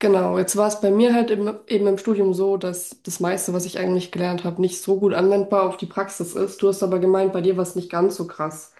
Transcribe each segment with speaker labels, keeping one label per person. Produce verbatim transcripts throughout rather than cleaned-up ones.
Speaker 1: Genau, jetzt war es bei mir halt im, eben im Studium so, dass das meiste, was ich eigentlich gelernt habe, nicht so gut anwendbar auf die Praxis ist. Du hast aber gemeint, bei dir war es nicht ganz so krass.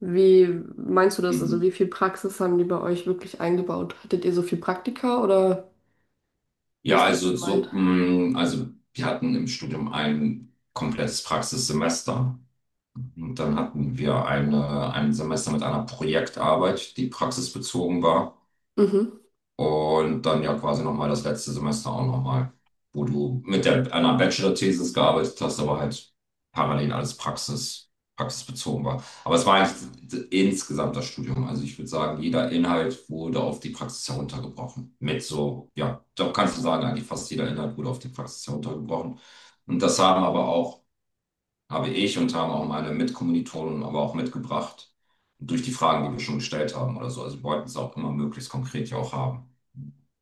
Speaker 1: Wie meinst du das? Also
Speaker 2: Mhm.
Speaker 1: wie viel Praxis haben die bei euch wirklich eingebaut? Hattet ihr so viel Praktika oder wie
Speaker 2: Ja,
Speaker 1: ist das
Speaker 2: also so,
Speaker 1: gemeint?
Speaker 2: mh, also wir hatten im Studium ein komplettes Praxissemester und dann hatten wir eine, ein Semester mit einer Projektarbeit, die praxisbezogen war.
Speaker 1: Mhm.
Speaker 2: Und dann ja quasi nochmal das letzte Semester auch nochmal, wo du mit der, einer Bachelor-Thesis gearbeitet hast, aber halt parallel alles Praxis, praxisbezogen war. Aber es war eigentlich insgesamt das Studium. Also ich würde sagen, jeder Inhalt wurde auf die Praxis heruntergebrochen. Mit so, ja, doch kannst du sagen, eigentlich fast jeder Inhalt wurde auf die Praxis heruntergebrochen. Und das haben aber auch, habe ich und haben auch meine Mitkommilitonen aber auch mitgebracht. Durch die Fragen, die wir schon gestellt haben oder so. Also wir wollten es auch immer möglichst konkret ja auch haben,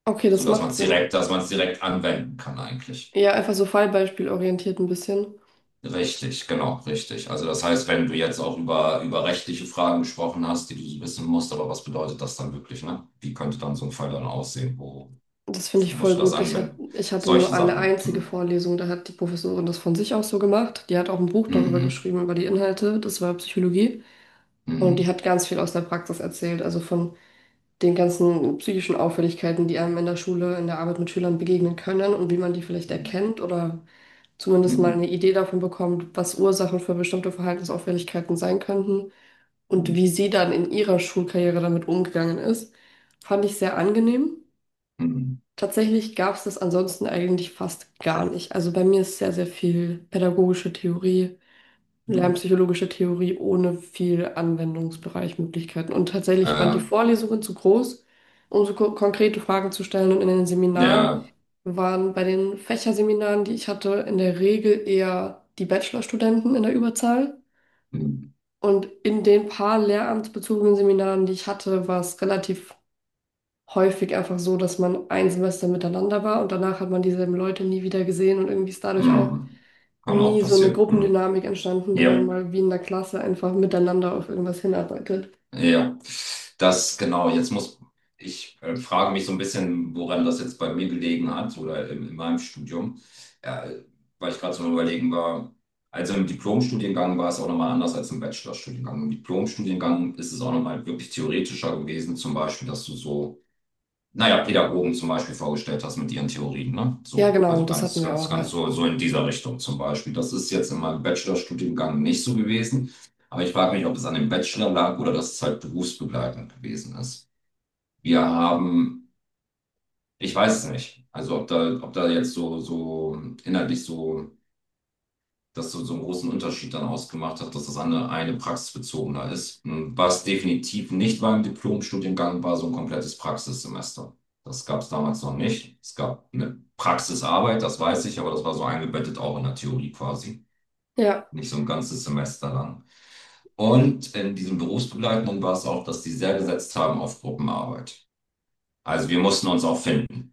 Speaker 1: Okay, das
Speaker 2: sodass man
Speaker 1: macht
Speaker 2: es
Speaker 1: Sinn.
Speaker 2: direkt, dass man es direkt anwenden kann eigentlich.
Speaker 1: Ja, einfach so fallbeispielorientiert ein bisschen.
Speaker 2: Richtig, genau, richtig. Also das heißt, wenn du jetzt auch über, über rechtliche Fragen gesprochen hast, die du so wissen musst, aber was bedeutet das dann wirklich, ne? Wie könnte dann so ein Fall dann aussehen? Wo
Speaker 1: Das finde ich voll
Speaker 2: musst du das
Speaker 1: gut. Ich hat,
Speaker 2: anwenden?
Speaker 1: ich hatte nur
Speaker 2: Solche
Speaker 1: eine
Speaker 2: Sachen.
Speaker 1: einzige
Speaker 2: Mhm.
Speaker 1: Vorlesung, da hat die Professorin das von sich aus so gemacht. Die hat auch ein Buch darüber
Speaker 2: Mhm.
Speaker 1: geschrieben, über die Inhalte. Das war Psychologie. Und die
Speaker 2: Mhm.
Speaker 1: hat ganz viel aus der Praxis erzählt, also von den ganzen psychischen Auffälligkeiten, die einem in der Schule, in der Arbeit mit Schülern begegnen können und wie man die vielleicht erkennt oder zumindest mal eine
Speaker 2: Mhm.
Speaker 1: Idee davon bekommt, was Ursachen für bestimmte Verhaltensauffälligkeiten sein könnten und wie sie dann in ihrer Schulkarriere damit umgegangen ist, fand ich sehr angenehm.
Speaker 2: Mhm.
Speaker 1: Tatsächlich gab es das ansonsten eigentlich fast gar nicht. Also bei mir ist sehr, sehr viel pädagogische Theorie.
Speaker 2: Mhm.
Speaker 1: Lernpsychologische Theorie ohne viel Anwendungsbereichmöglichkeiten. Und tatsächlich waren die
Speaker 2: Äh,
Speaker 1: Vorlesungen zu groß, um so ko konkrete Fragen zu stellen. Und in den Seminaren
Speaker 2: ja,
Speaker 1: waren bei den Fächerseminaren, die ich hatte, in der Regel eher die Bachelorstudenten in der Überzahl.
Speaker 2: mhm.
Speaker 1: Und in den paar lehramtsbezogenen Seminaren, die ich hatte, war es relativ häufig einfach so, dass man ein Semester miteinander war und danach hat man dieselben Leute nie wieder gesehen und irgendwie ist dadurch auch
Speaker 2: Mhm kann auch
Speaker 1: nie so eine
Speaker 2: passieren. Mhm.
Speaker 1: Gruppendynamik entstanden, wo man
Speaker 2: Ja.
Speaker 1: mal wie in der Klasse einfach miteinander auf irgendwas hinarbeitet.
Speaker 2: Ja, das genau. Jetzt muss ich äh, frage mich so ein bisschen, woran das jetzt bei mir gelegen hat oder in, in meinem Studium, ja, weil ich gerade so am Überlegen war. Also im Diplomstudiengang war es auch nochmal anders als im Bachelorstudiengang. Im Diplomstudiengang ist es auch nochmal wirklich theoretischer gewesen, zum Beispiel, dass du so naja, Pädagogen zum Beispiel vorgestellt hast mit ihren Theorien, ne?
Speaker 1: Ja,
Speaker 2: So,
Speaker 1: genau,
Speaker 2: also
Speaker 1: das
Speaker 2: ganz,
Speaker 1: hatten wir
Speaker 2: ganz,
Speaker 1: auch,
Speaker 2: ganz
Speaker 1: ja.
Speaker 2: so, so in dieser Richtung zum Beispiel. Das ist jetzt in meinem Bachelorstudiengang nicht so gewesen, aber ich frage mich, ob es an dem Bachelor lag oder dass es halt berufsbegleitend gewesen ist. Wir haben, ich weiß es nicht, also ob da, ob da jetzt so, so inhaltlich so das so, so einen großen Unterschied dann ausgemacht hat, dass das eine, eine praxisbezogener ist. Hm, was definitiv nicht beim Diplomstudiengang war, so ein komplettes Praxissemester. Das gab es damals noch nicht. Es gab eine Praxisarbeit, das weiß ich, aber das war so eingebettet auch in der Theorie quasi.
Speaker 1: Ja,
Speaker 2: Nicht so ein ganzes Semester lang. Und in diesem Berufsbegleitenden war es auch, dass die sehr gesetzt haben auf Gruppenarbeit. Also wir mussten uns auch finden.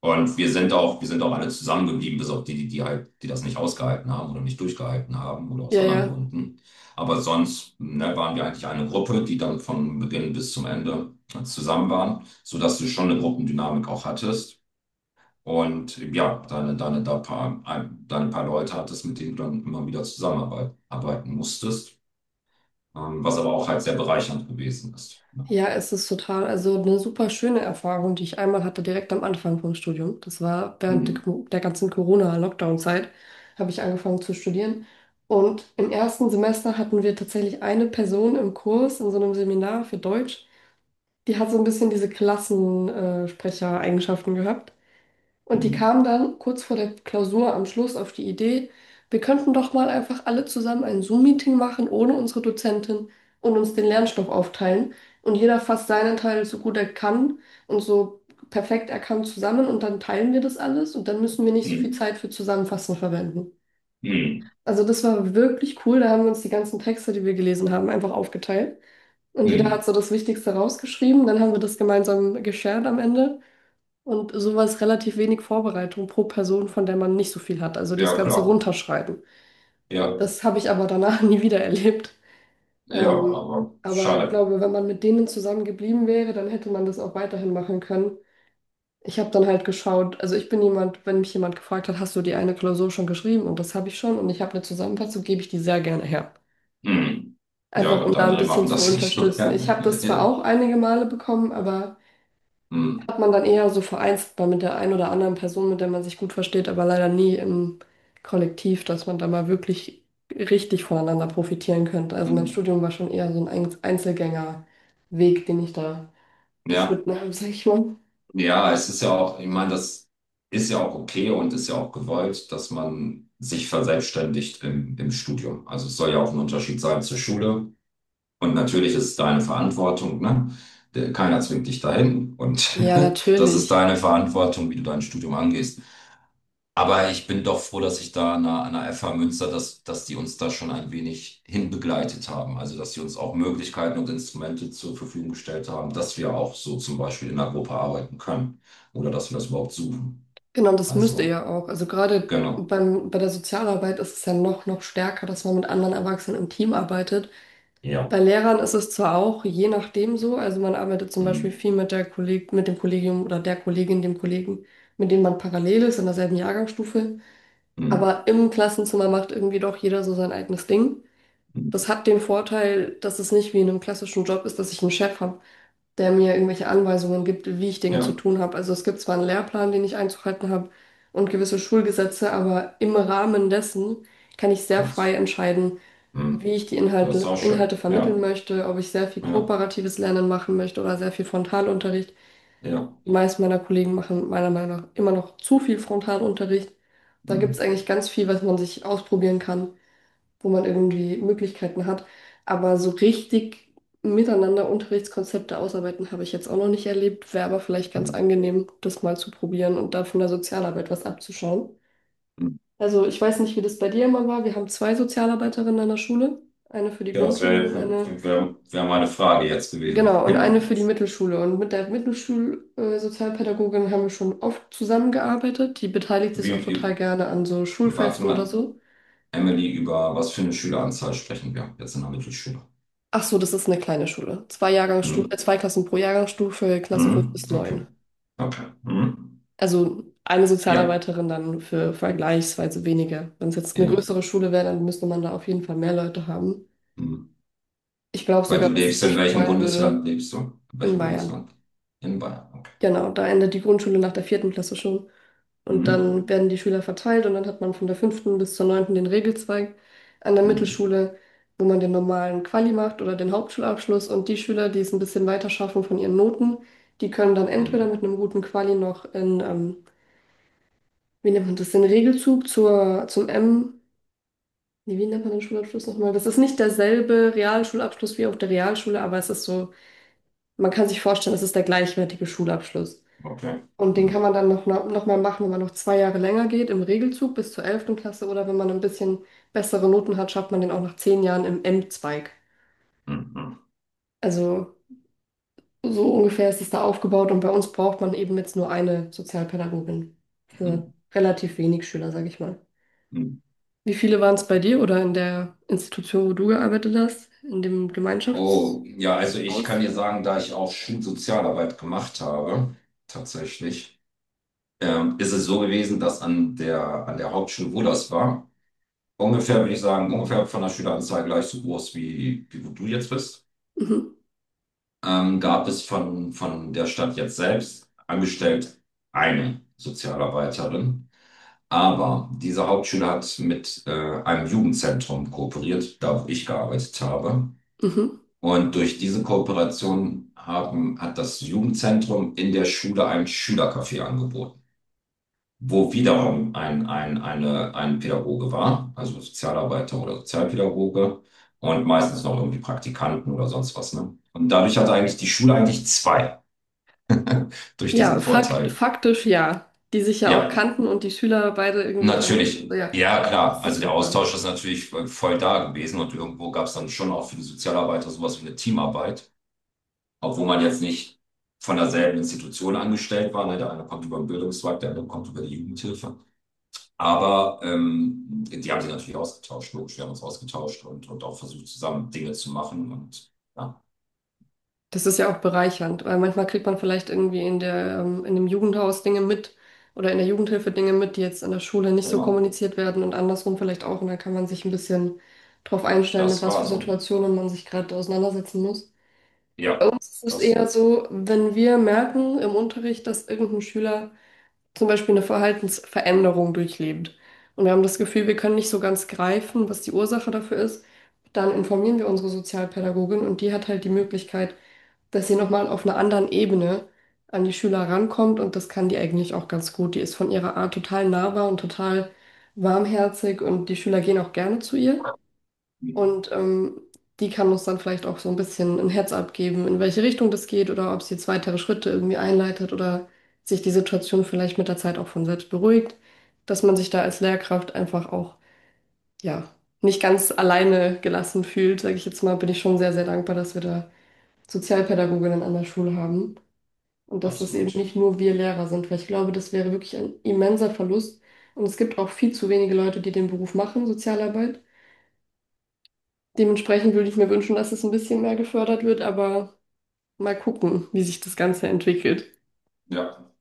Speaker 2: Und wir sind auch, wir sind auch alle zusammengeblieben, bis auf die, die, die halt, die das nicht ausgehalten haben oder nicht durchgehalten haben oder aus
Speaker 1: ja,
Speaker 2: anderen
Speaker 1: ja.
Speaker 2: Gründen. Aber sonst, ne, waren wir eigentlich eine Gruppe, die dann von Beginn bis zum Ende zusammen waren, sodass du schon eine Gruppendynamik auch hattest. Und ja, deine, deine, da paar, ein, deine paar Leute hattest, mit denen du dann immer wieder zusammenarbeiten arbeiten musstest, ähm, was aber auch halt sehr bereichernd gewesen ist. Ja.
Speaker 1: Ja, es ist total, also eine super schöne Erfahrung, die ich einmal hatte, direkt am Anfang vom Studium. Das war während der,
Speaker 2: Mhm.
Speaker 1: Co- der ganzen Corona-Lockdown-Zeit, habe ich angefangen zu studieren. Und im ersten Semester hatten wir tatsächlich eine Person im Kurs in so einem Seminar für Deutsch. Die hat so ein bisschen diese Klassensprecher-Eigenschaften gehabt. Und die
Speaker 2: Mhm.
Speaker 1: kam dann kurz vor der Klausur am Schluss auf die Idee, wir könnten doch mal einfach alle zusammen ein Zoom-Meeting machen ohne unsere Dozentin und uns den Lernstoff aufteilen. Und jeder fasst seinen Teil so gut er kann und so perfekt er kann zusammen und dann teilen wir das alles und dann müssen wir nicht so viel
Speaker 2: Mhm.
Speaker 1: Zeit für Zusammenfassen verwenden.
Speaker 2: Mhm.
Speaker 1: Also das war wirklich cool. Da haben wir uns die ganzen Texte, die wir gelesen haben, einfach aufgeteilt. Und jeder hat
Speaker 2: Mhm.
Speaker 1: so das Wichtigste rausgeschrieben. Dann haben wir das gemeinsam geshared am Ende. Und so war es relativ wenig Vorbereitung pro Person, von der man nicht so viel hat. Also das
Speaker 2: Ja,
Speaker 1: Ganze
Speaker 2: klar.
Speaker 1: runterschreiben.
Speaker 2: Ja.
Speaker 1: Das habe ich aber danach nie wieder erlebt.
Speaker 2: Ja,
Speaker 1: Ähm,
Speaker 2: aber
Speaker 1: aber ich
Speaker 2: schade.
Speaker 1: glaube, wenn man mit denen zusammen geblieben wäre, dann hätte man das auch weiterhin machen können. Ich habe dann halt geschaut, also ich bin jemand, wenn mich jemand gefragt hat, hast du die eine Klausur schon geschrieben? Und das habe ich schon und ich habe eine Zusammenfassung, gebe ich die sehr gerne her.
Speaker 2: Hm.
Speaker 1: Einfach
Speaker 2: Ja,
Speaker 1: um
Speaker 2: gut,
Speaker 1: da ein
Speaker 2: andere
Speaker 1: bisschen
Speaker 2: machen
Speaker 1: zu
Speaker 2: das nicht so
Speaker 1: unterstützen. Ich
Speaker 2: gerne.
Speaker 1: habe das zwar auch einige Male bekommen, aber
Speaker 2: Ja. Hm.
Speaker 1: hat man dann eher so vereinzelt mal mit der einen oder anderen Person, mit der man sich gut versteht, aber leider nie im Kollektiv, dass man da mal wirklich richtig voneinander profitieren könnte. Also mein
Speaker 2: Hm.
Speaker 1: Studium war schon eher so ein Einz- Einzelgängerweg, den ich da
Speaker 2: Ja.
Speaker 1: beschritten habe, sag ich mal.
Speaker 2: Ja, es ist ja auch, ich meine, das ist ja auch okay und ist ja auch gewollt, dass man sich verselbstständigt im, im Studium. Also es soll ja auch ein Unterschied sein zur Schule. Und natürlich ist es deine Verantwortung, ne? Der- Keiner zwingt dich dahin. Und
Speaker 1: Ja,
Speaker 2: das ist
Speaker 1: natürlich.
Speaker 2: deine Verantwortung, wie du dein Studium angehst. Aber ich bin doch froh, dass ich da an der, an der F H Münster, dass, dass die uns da schon ein wenig hinbegleitet haben. Also, dass sie uns auch Möglichkeiten und Instrumente zur Verfügung gestellt haben, dass wir auch so zum Beispiel in einer Gruppe arbeiten können oder dass wir das überhaupt suchen.
Speaker 1: Genau, das müsst ihr
Speaker 2: Also,
Speaker 1: ja auch. Also gerade
Speaker 2: genau.
Speaker 1: beim, bei der Sozialarbeit ist es ja noch, noch stärker, dass man mit anderen Erwachsenen im Team arbeitet.
Speaker 2: Ja.
Speaker 1: Bei Lehrern ist es zwar auch je nachdem so, also man arbeitet zum
Speaker 2: Hm,
Speaker 1: Beispiel viel mit der Kolleg mit dem Kollegium oder der Kollegin, dem Kollegen, mit dem man parallel ist in derselben Jahrgangsstufe,
Speaker 2: hm,
Speaker 1: aber im Klassenzimmer macht irgendwie doch jeder so sein eigenes Ding. Das
Speaker 2: hm.
Speaker 1: hat den Vorteil, dass es nicht wie in einem klassischen Job ist, dass ich einen Chef habe, der mir irgendwelche Anweisungen gibt, wie ich Dinge zu
Speaker 2: Ja,
Speaker 1: tun habe. Also es gibt zwar einen Lehrplan, den ich einzuhalten habe und gewisse Schulgesetze, aber im Rahmen dessen kann ich sehr frei
Speaker 2: kannst.
Speaker 1: entscheiden, wie
Speaker 2: Hm.
Speaker 1: ich die
Speaker 2: Das ist
Speaker 1: Inhalte,
Speaker 2: auch
Speaker 1: Inhalte
Speaker 2: schön.
Speaker 1: vermitteln
Speaker 2: Ja,
Speaker 1: möchte, ob ich sehr viel
Speaker 2: ja,
Speaker 1: kooperatives Lernen machen möchte oder sehr viel Frontalunterricht.
Speaker 2: ja.
Speaker 1: Die meisten meiner Kollegen machen meiner Meinung nach immer noch zu viel Frontalunterricht. Da
Speaker 2: Hm,
Speaker 1: gibt es eigentlich ganz viel, was man sich ausprobieren kann, wo man irgendwie Möglichkeiten hat. Aber so richtig miteinander Unterrichtskonzepte ausarbeiten habe ich jetzt auch noch nicht erlebt. Wäre aber vielleicht ganz
Speaker 2: hm,
Speaker 1: angenehm, das mal zu probieren und da von der Sozialarbeit was abzuschauen.
Speaker 2: hm.
Speaker 1: Also ich weiß nicht, wie das bei dir immer war. Wir haben zwei Sozialarbeiterinnen an der Schule. Eine für die
Speaker 2: Ja, das
Speaker 1: Grundschule
Speaker 2: wäre
Speaker 1: und eine,
Speaker 2: wär, wär wär meine Frage jetzt gewesen.
Speaker 1: genau, und eine
Speaker 2: Genau.
Speaker 1: für die Mittelschule. Und mit der Mittelschul-Sozialpädagogin haben wir schon oft zusammengearbeitet. Die beteiligt sich auch
Speaker 2: Wie,
Speaker 1: total
Speaker 2: wie,
Speaker 1: gerne an so
Speaker 2: warte
Speaker 1: Schulfesten oder
Speaker 2: mal.
Speaker 1: so.
Speaker 2: Emily, über was für eine Schüleranzahl sprechen wir jetzt in der Mittelschule?
Speaker 1: Ach so, das ist eine kleine Schule. Zwei Jahrgangsstu
Speaker 2: Hm?
Speaker 1: äh, zwei Klassen pro Jahrgangsstufe, Klasse fünf
Speaker 2: Hm?
Speaker 1: bis
Speaker 2: Okay,
Speaker 1: neun.
Speaker 2: okay. Hm?
Speaker 1: Also eine
Speaker 2: Ja,
Speaker 1: Sozialarbeiterin dann für vergleichsweise weniger. Wenn es jetzt eine
Speaker 2: ja.
Speaker 1: größere Schule wäre, dann müsste man da auf jeden Fall mehr Leute haben.
Speaker 2: Hm.
Speaker 1: Ich glaube
Speaker 2: Weil
Speaker 1: sogar,
Speaker 2: du
Speaker 1: dass sie
Speaker 2: lebst, in
Speaker 1: sich
Speaker 2: welchem
Speaker 1: freuen
Speaker 2: Bundesland
Speaker 1: würde
Speaker 2: lebst du? In
Speaker 1: in
Speaker 2: welchem
Speaker 1: Bayern.
Speaker 2: Bundesland? In Bayern, okay.
Speaker 1: Genau, da endet die Grundschule nach der vierten Klasse schon. Und
Speaker 2: Hm?
Speaker 1: dann werden die Schüler verteilt und dann hat man von der fünften bis zur neunten den Regelzweig an der
Speaker 2: Hm?
Speaker 1: Mittelschule, wo man den normalen Quali macht oder den Hauptschulabschluss. Und die Schüler, die es ein bisschen weiter schaffen von ihren Noten, die können dann
Speaker 2: Hm?
Speaker 1: entweder mit
Speaker 2: Hm?
Speaker 1: einem guten Quali noch in, ähm, wie nennt man das, den Regelzug zur, zum M. Nee, wie nennt man den Schulabschluss nochmal? Das ist nicht derselbe Realschulabschluss wie auf der Realschule, aber es ist so, man kann sich vorstellen, es ist der gleichwertige Schulabschluss.
Speaker 2: Okay.
Speaker 1: Und den kann
Speaker 2: Hm?
Speaker 1: man dann noch, noch mal machen, wenn man noch zwei Jahre länger geht, im Regelzug bis zur elften Klasse oder wenn man ein bisschen bessere Noten hat, schafft man den auch nach zehn Jahren im M-Zweig.
Speaker 2: Hm? Hm?
Speaker 1: Also so ungefähr ist es da aufgebaut und bei uns braucht man eben jetzt nur eine Sozialpädagogin
Speaker 2: Hm?
Speaker 1: für relativ wenig Schüler, sage ich mal.
Speaker 2: Hm?
Speaker 1: Wie viele waren es bei dir oder in der Institution, wo du gearbeitet hast, in dem Gemeinschaftshaus?
Speaker 2: Oh, ja, also ich kann dir sagen, da ich auch Schulsozialarbeit gemacht habe, tatsächlich, ähm, ist es so gewesen, dass an der, an der Hauptschule, wo das war, ungefähr, würde ich sagen, ungefähr von der Schüleranzahl gleich so groß wie, wie wo du jetzt bist,
Speaker 1: Mhm.
Speaker 2: ähm, gab es von, von der Stadt jetzt selbst angestellt eine Sozialarbeiterin. Aber diese Hauptschule hat mit äh, einem Jugendzentrum kooperiert, da wo ich gearbeitet habe.
Speaker 1: Mhm.
Speaker 2: Und durch diese Kooperation haben, hat das Jugendzentrum in der Schule ein Schülercafé angeboten, wo wiederum ein, ein, eine, ein Pädagoge war, also Sozialarbeiter oder Sozialpädagoge und meistens noch irgendwie Praktikanten oder sonst was, ne? Und dadurch hatte eigentlich die Schule eigentlich zwei durch
Speaker 1: Ja,
Speaker 2: diesen
Speaker 1: fakt,
Speaker 2: Vorteil.
Speaker 1: faktisch ja. Die sich ja auch
Speaker 2: Ja,
Speaker 1: kannten und die Schüler beide irgendwie kannten. So,
Speaker 2: natürlich.
Speaker 1: ja,
Speaker 2: Ja,
Speaker 1: das
Speaker 2: klar.
Speaker 1: ist
Speaker 2: Also der
Speaker 1: super.
Speaker 2: Austausch ist natürlich voll da gewesen und irgendwo gab es dann schon auch für die Sozialarbeiter sowas wie eine Teamarbeit, obwohl man jetzt nicht von derselben Institution angestellt war. Ne? Der eine kommt über den Bildungszweig, der andere kommt über die Jugendhilfe. Aber ähm, die haben sich natürlich ausgetauscht, logisch. Wir haben uns ausgetauscht und, und auch versucht, zusammen Dinge zu machen. Und ja,
Speaker 1: Das ist ja auch bereichernd, weil manchmal kriegt man vielleicht irgendwie in der, ähm, in dem Jugendhaus Dinge mit oder in der Jugendhilfe Dinge mit, die jetzt in der Schule nicht so
Speaker 2: genau,
Speaker 1: kommuniziert werden und andersrum vielleicht auch. Und dann kann man sich ein bisschen drauf einstellen, mit
Speaker 2: das
Speaker 1: was
Speaker 2: war
Speaker 1: für
Speaker 2: so.
Speaker 1: Situationen man sich gerade auseinandersetzen muss.
Speaker 2: Ja,
Speaker 1: Es ist
Speaker 2: das
Speaker 1: eher so, wenn wir merken im Unterricht, dass irgendein Schüler zum Beispiel eine Verhaltensveränderung durchlebt und wir haben das Gefühl, wir können nicht so ganz greifen, was die Ursache dafür ist, dann informieren wir unsere Sozialpädagogin und die hat halt die Möglichkeit, dass sie nochmal auf einer anderen Ebene an die Schüler rankommt und das kann die eigentlich auch ganz gut. Die ist von ihrer Art total nahbar und total warmherzig und die Schüler gehen auch gerne zu ihr. Und ähm, die kann uns dann vielleicht auch so ein bisschen ein Heads-up geben, in welche Richtung das geht oder ob sie jetzt weitere Schritte irgendwie einleitet oder sich die Situation vielleicht mit der Zeit auch von selbst beruhigt, dass man sich da als Lehrkraft einfach auch, ja, nicht ganz alleine gelassen fühlt, sage ich jetzt mal, bin ich schon sehr, sehr dankbar, dass wir da Sozialpädagoginnen an der Schule haben. Und dass das
Speaker 2: absolut.
Speaker 1: eben nicht nur wir Lehrer sind, weil ich glaube, das wäre wirklich ein immenser Verlust. Und es gibt auch viel zu wenige Leute, die den Beruf machen, Sozialarbeit. Dementsprechend würde ich mir wünschen, dass es ein bisschen mehr gefördert wird, aber mal gucken, wie sich das Ganze entwickelt.
Speaker 2: Ja.